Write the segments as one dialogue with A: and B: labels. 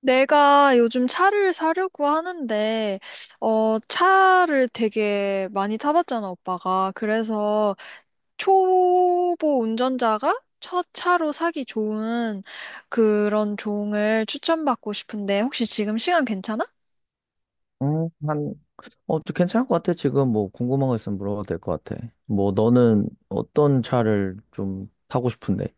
A: 내가 요즘 차를 사려고 하는데, 차를 되게 많이 타봤잖아, 오빠가. 그래서 초보 운전자가 첫 차로 사기 좋은 그런 종을 추천받고 싶은데, 혹시 지금 시간 괜찮아?
B: 음, 한, 저 괜찮을 것 같아. 지금 뭐 궁금한 거 있으면 물어봐도 될 것 같아. 뭐 너는 어떤 차를 좀 타고 싶은데?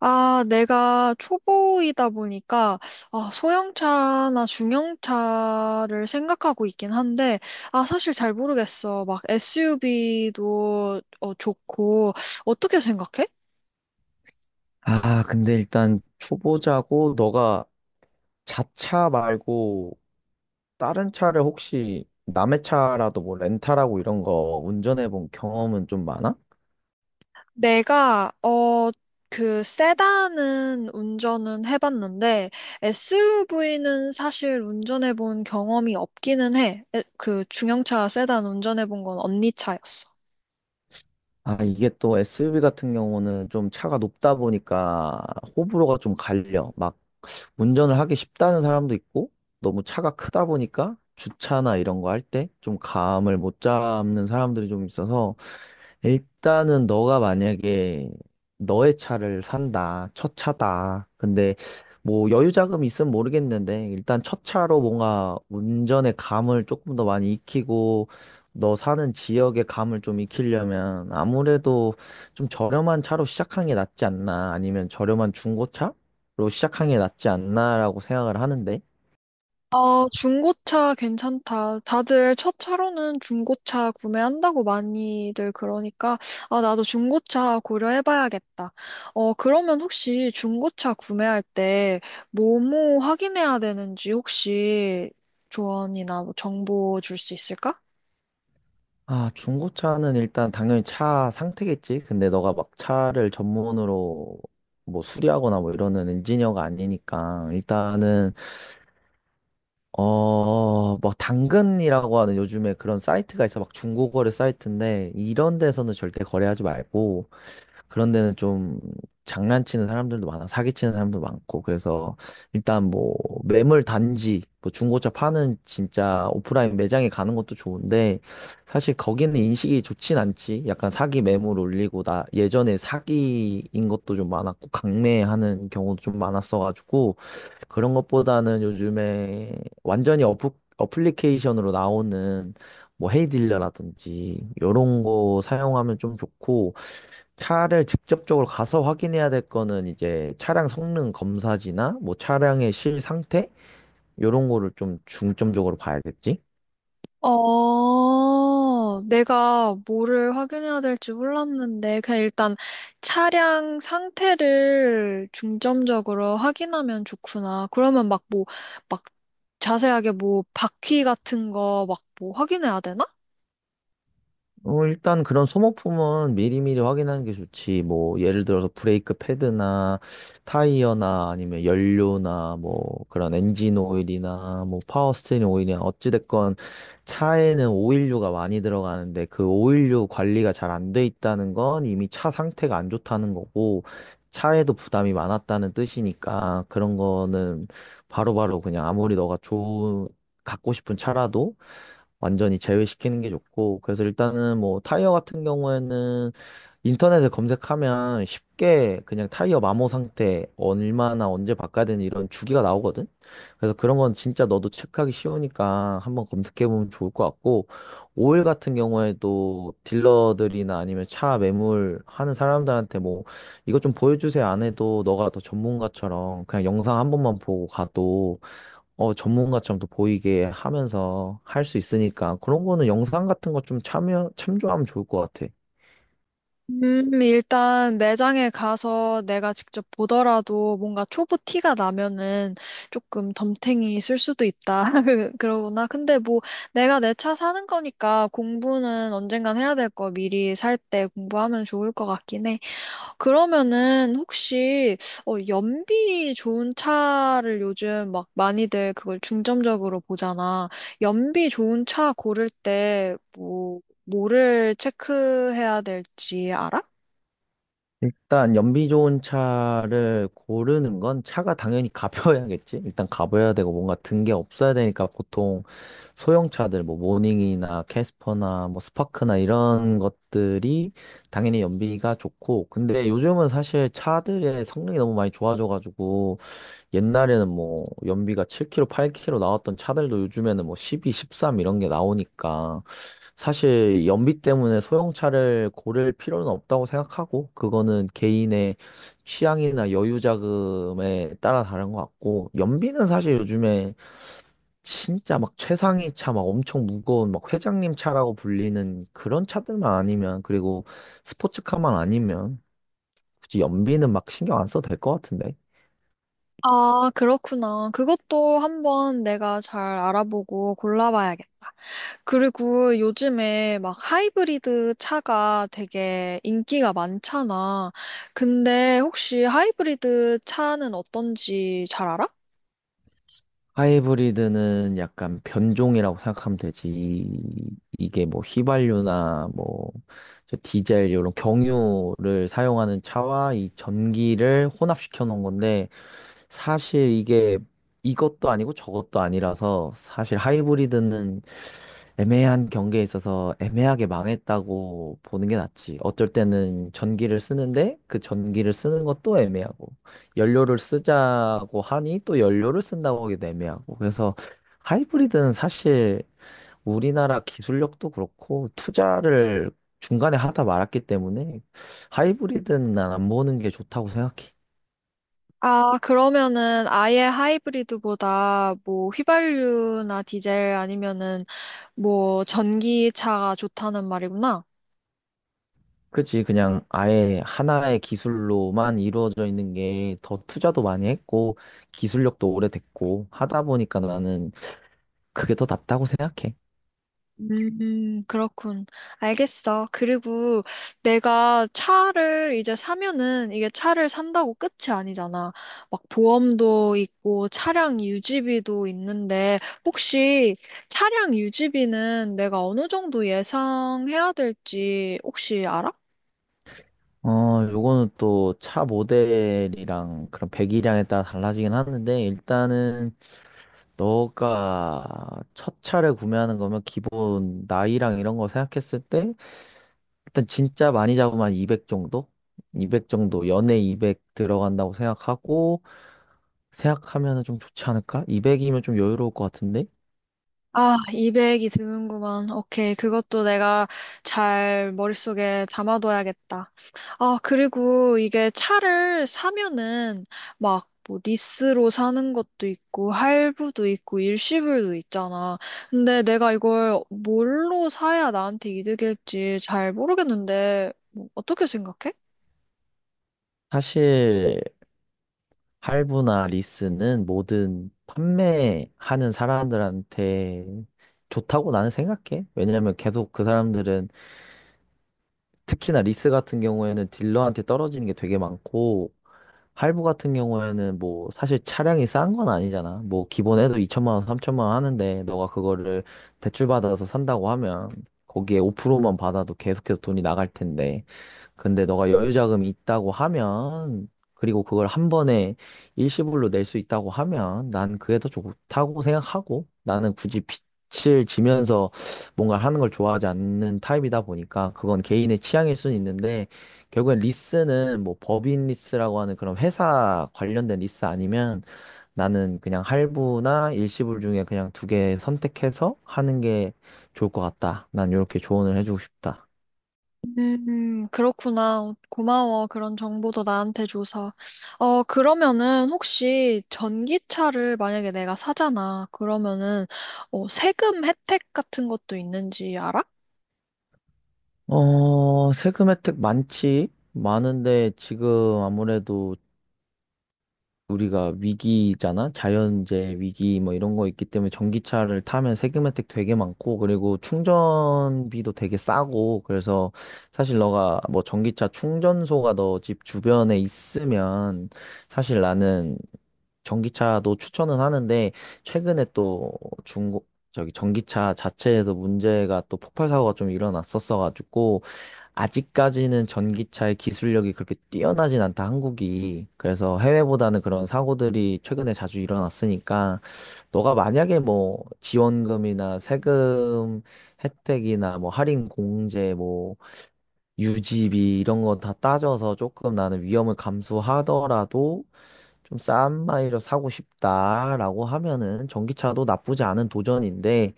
A: 아, 내가 초보이다 보니까, 아, 소형차나 중형차를 생각하고 있긴 한데, 아, 사실 잘 모르겠어. 막 SUV도 좋고, 어떻게 생각해?
B: 아, 근데 일단 초보자고 너가 자차 말고 다른 차를 혹시 남의 차라도 뭐 렌탈하고 이런 거 운전해 본 경험은 좀 많아?
A: 내가 어 그 세단은 운전은 해봤는데 SUV는 사실 운전해본 경험이 없기는 해. 그 중형차 세단 운전해본 건 언니 차였어.
B: 아, 이게 또 SUV 같은 경우는 좀 차가 높다 보니까 호불호가 좀 갈려. 막 운전을 하기 쉽다는 사람도 있고, 너무 차가 크다 보니까 주차나 이런 거 할 때 좀 감을 못 잡는 사람들이 좀 있어서, 일단은 너가 만약에 너의 차를 산다, 첫 차다. 근데 뭐 여유 자금이 있으면 모르겠는데, 일단 첫 차로 뭔가 운전의 감을 조금 더 많이 익히고 너 사는 지역의 감을 좀 익히려면, 아무래도 좀 저렴한 차로 시작하는 게 낫지 않나, 아니면 저렴한 중고차로 시작하는 게 낫지 않나라고 생각을 하는데.
A: 아, 중고차 괜찮다. 다들 첫 차로는 중고차 구매한다고 많이들 그러니까, 아, 나도 중고차 고려해봐야겠다. 어, 그러면 혹시 중고차 구매할 때 뭐뭐 확인해야 되는지 혹시 조언이나 뭐 정보 줄 수 있을까?
B: 아, 중고차는 일단 당연히 차 상태겠지. 근데 너가 막 차를 전문으로 뭐 수리하거나 뭐 이러는 엔지니어가 아니니까, 일단은 뭐 당근이라고 하는, 요즘에 그런 사이트가 있어. 막 중고거래 사이트인데, 이런 데서는 절대 거래하지 말고. 그런 데는 좀 장난치는 사람들도 많아, 사기치는 사람도 많고. 그래서 일단 뭐 매물 단지, 뭐 중고차 파는 진짜 오프라인 매장에 가는 것도 좋은데, 사실 거기는 인식이 좋진 않지. 약간 사기 매물 올리고, 나 예전에 사기인 것도 좀 많았고, 강매하는 경우도 좀 많았어가지고. 그런 것보다는 요즘에 완전히 어플, 어플리케이션으로 나오는 뭐 헤이딜러라든지 이런 거 사용하면 좀 좋고. 차를 직접적으로 가서 확인해야 될 거는 이제 차량 성능 검사지나 뭐 차량의 실 상태, 요런 거를 좀 중점적으로 봐야겠지?
A: 어, 내가 뭐를 확인해야 될지 몰랐는데, 그냥 일단 차량 상태를 중점적으로 확인하면 좋구나. 그러면 막 뭐, 막 자세하게 뭐, 바퀴 같은 거 막 뭐 확인해야 되나?
B: 일단 그런 소모품은 미리미리 확인하는 게 좋지. 뭐, 예를 들어서 브레이크 패드나 타이어나 아니면 연료나 뭐, 그런 엔진 오일이나 뭐, 파워 스티어링 오일이나. 어찌됐건 차에는 오일류가 많이 들어가는데, 그 오일류 관리가 잘 안 돼 있다는 건 이미 차 상태가 안 좋다는 거고, 차에도 부담이 많았다는 뜻이니까. 그런 거는 바로바로 그냥, 아무리 너가 좋은, 갖고 싶은 차라도 완전히 제외시키는 게 좋고. 그래서 일단은 뭐 타이어 같은 경우에는 인터넷에 검색하면 쉽게 그냥 타이어 마모 상태, 얼마나 언제 바꿔야 되는 이런 주기가 나오거든? 그래서 그런 건 진짜 너도 체크하기 쉬우니까 한번 검색해보면 좋을 것 같고, 오일 같은 경우에도 딜러들이나 아니면 차 매물 하는 사람들한테 뭐 "이것 좀 보여주세요" 안 해도, 너가 더 전문가처럼 그냥 영상 한 번만 보고 가도, 전문가처럼 또 보이게 하면서 할 수 있으니까, 그런 거는 영상 같은 거 좀 참조하면 좋을 것 같아.
A: 일단 매장에 가서 내가 직접 보더라도 뭔가 초보 티가 나면은 조금 덤탱이 쓸 수도 있다. 그러구나. 근데 뭐 내가 내 차 사는 거니까 공부는 언젠간 해야 될 거 미리 살 때 공부하면 좋을 것 같긴 해. 그러면은 혹시 어, 연비 좋은 차를 요즘 막 많이들 그걸 중점적으로 보잖아. 연비 좋은 차 고를 때 뭐 뭐를 체크해야 될지 알아?
B: 일단 연비 좋은 차를 고르는 건, 차가 당연히 가벼워야겠지. 일단 가벼워야 되고 뭔가 든 게 없어야 되니까, 보통 소형 차들 뭐 모닝이나 캐스퍼나 뭐 스파크나 이런 것들이 당연히 연비가 좋고. 근데 요즘은 사실 차들의 성능이 너무 많이 좋아져가지고, 옛날에는 뭐 연비가 7km, 8km 나왔던 차들도 요즘에는 뭐 12, 13 이런 게 나오니까, 사실 연비 때문에 소형차를 고를 필요는 없다고 생각하고, 그거는 개인의 취향이나 여유 자금에 따라 다른 것 같고. 연비는 사실 요즘에 진짜 막 최상위 차, 막 엄청 무거운 막 회장님 차라고 불리는 그런 차들만 아니면, 그리고 스포츠카만 아니면, 굳이 연비는 막 신경 안 써도 될 것 같은데.
A: 아, 그렇구나. 그것도 한번 내가 잘 알아보고 골라봐야겠다. 그리고 요즘에 막 하이브리드 차가 되게 인기가 많잖아. 근데 혹시 하이브리드 차는 어떤지 잘 알아?
B: 하이브리드는 약간 변종이라고 생각하면 되지. 이게 뭐 휘발유나 뭐 저 디젤 이런 경유를 사용하는 차와 이 전기를 혼합시켜 놓은 건데, 사실 이게 이것도 아니고 저것도 아니라서, 사실 하이브리드는 애매한 경기에 있어서 애매하게 망했다고 보는 게 낫지. 어쩔 때는 전기를 쓰는데 그 전기를 쓰는 것도 애매하고, 연료를 쓰자고 하니 또 연료를 쓴다고 하기도 애매하고. 그래서 하이브리드는 사실 우리나라 기술력도 그렇고, 투자를 중간에 하다 말았기 때문에, 하이브리드는 난 안 보는 게 좋다고 생각해.
A: 아, 그러면은 아예 하이브리드보다 뭐 휘발유나 디젤 아니면은 뭐 전기차가 좋다는 말이구나.
B: 그치, 그냥 아예 하나의 기술로만 이루어져 있는 게 더 투자도 많이 했고, 기술력도 오래됐고, 하다 보니까 나는 그게 더 낫다고 생각해.
A: 그렇군. 알겠어. 그리고 내가 차를 이제 사면은 이게 차를 산다고 끝이 아니잖아. 막 보험도 있고 차량 유지비도 있는데 혹시 차량 유지비는 내가 어느 정도 예상해야 될지 혹시 알아?
B: 요거는 또 차 모델이랑 그런 배기량에 따라 달라지긴 하는데, 일단은 너가 첫 차를 구매하는 거면 기본 나이랑 이런 거 생각했을 때, 일단 진짜 많이 잡으면 한200 정도? 200 정도, 연에 200 들어간다고 생각하고, 생각하면 좀 좋지 않을까? 200이면 좀 여유로울 것 같은데?
A: 아, 200이 드는구만. 오케이. 그것도 내가 잘 머릿속에 담아둬야겠다. 아, 그리고 이게 차를 사면은 막 뭐 리스로 사는 것도 있고 할부도 있고 일시불도 있잖아. 근데 내가 이걸 뭘로 사야 나한테 이득일지 잘 모르겠는데 뭐 어떻게 생각해?
B: 사실 할부나 리스는 모든 판매하는 사람들한테 좋다고 나는 생각해. 왜냐면 계속 그 사람들은, 특히나 리스 같은 경우에는 딜러한테 떨어지는 게 되게 많고, 할부 같은 경우에는 뭐 사실 차량이 싼 건 아니잖아. 뭐 기본에도 2천만 원, 3천만 원 하는데 너가 그거를 대출받아서 산다고 하면 거기에 5%만 받아도 계속해서 돈이 나갈 텐데. 근데 너가 여유자금이 있다고 하면, 그리고 그걸 한 번에 일시불로 낼 수 있다고 하면, 난 그게 더 좋다고 생각하고. 나는 굳이 빚을 지면서 뭔가 하는 걸 좋아하지 않는 타입이다 보니까, 그건 개인의 취향일 수는 있는데, 결국엔 리스는 뭐 법인 리스라고 하는 그런 회사 관련된 리스 아니면, 나는 그냥 할부나 일시불 중에 그냥 두 개 선택해서 하는 게 좋을 것 같다. 난 이렇게 조언을 해주고 싶다.
A: 그렇구나. 고마워. 그런 정보도 나한테 줘서. 어, 그러면은 혹시 전기차를 만약에 내가 사잖아. 그러면은 어, 세금 혜택 같은 것도 있는지 알아?
B: 세금 혜택 많지? 많은데, 지금 아무래도 우리가 위기잖아? 자연재해 위기 뭐 이런 거 있기 때문에 전기차를 타면 세금 혜택 되게 많고, 그리고 충전비도 되게 싸고. 그래서 사실 너가 뭐 전기차 충전소가 너 집 주변에 있으면, 사실 나는 전기차도 추천은 하는데, 최근에 또 중고 저기 전기차 자체에서 문제가 또 폭발 사고가 좀 일어났었어가지고, 아직까지는 전기차의 기술력이 그렇게 뛰어나진 않다, 한국이. 그래서 해외보다는 그런 사고들이 최근에 자주 일어났으니까, 너가 만약에 뭐 지원금이나 세금 혜택이나 뭐 할인 공제, 뭐 유지비 이런 거 다 따져서 조금 나는 위험을 감수하더라도 좀 싼 마이로 사고 싶다라고 하면은 전기차도 나쁘지 않은 도전인데,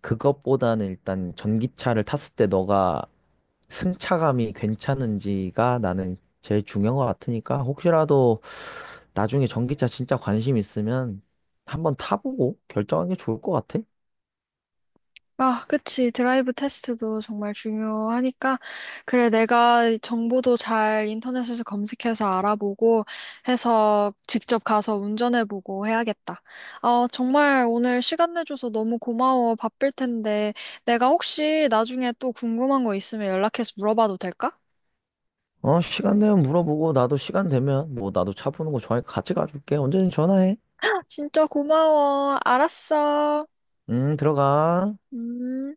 B: 그것보다는 일단 전기차를 탔을 때 너가 승차감이 괜찮은지가 나는 제일 중요한 것 같으니까, 혹시라도 나중에 전기차 진짜 관심 있으면 한번 타보고 결정하는 게 좋을 것 같아.
A: 아, 그치. 드라이브 테스트도 정말 중요하니까. 그래, 내가 정보도 잘 인터넷에서 검색해서 알아보고 해서 직접 가서 운전해보고 해야겠다. 어, 정말 오늘 시간 내줘서 너무 고마워. 바쁠 텐데. 내가 혹시 나중에 또 궁금한 거 있으면 연락해서 물어봐도 될까?
B: 어, 시간 되면 물어보고, 나도 시간 되면 뭐, 나도 차 보는 거 좋아하니까 같이 가줄게. 언제든 전화해.
A: 아, 진짜 고마워. 알았어.
B: 들어가.
A: 음.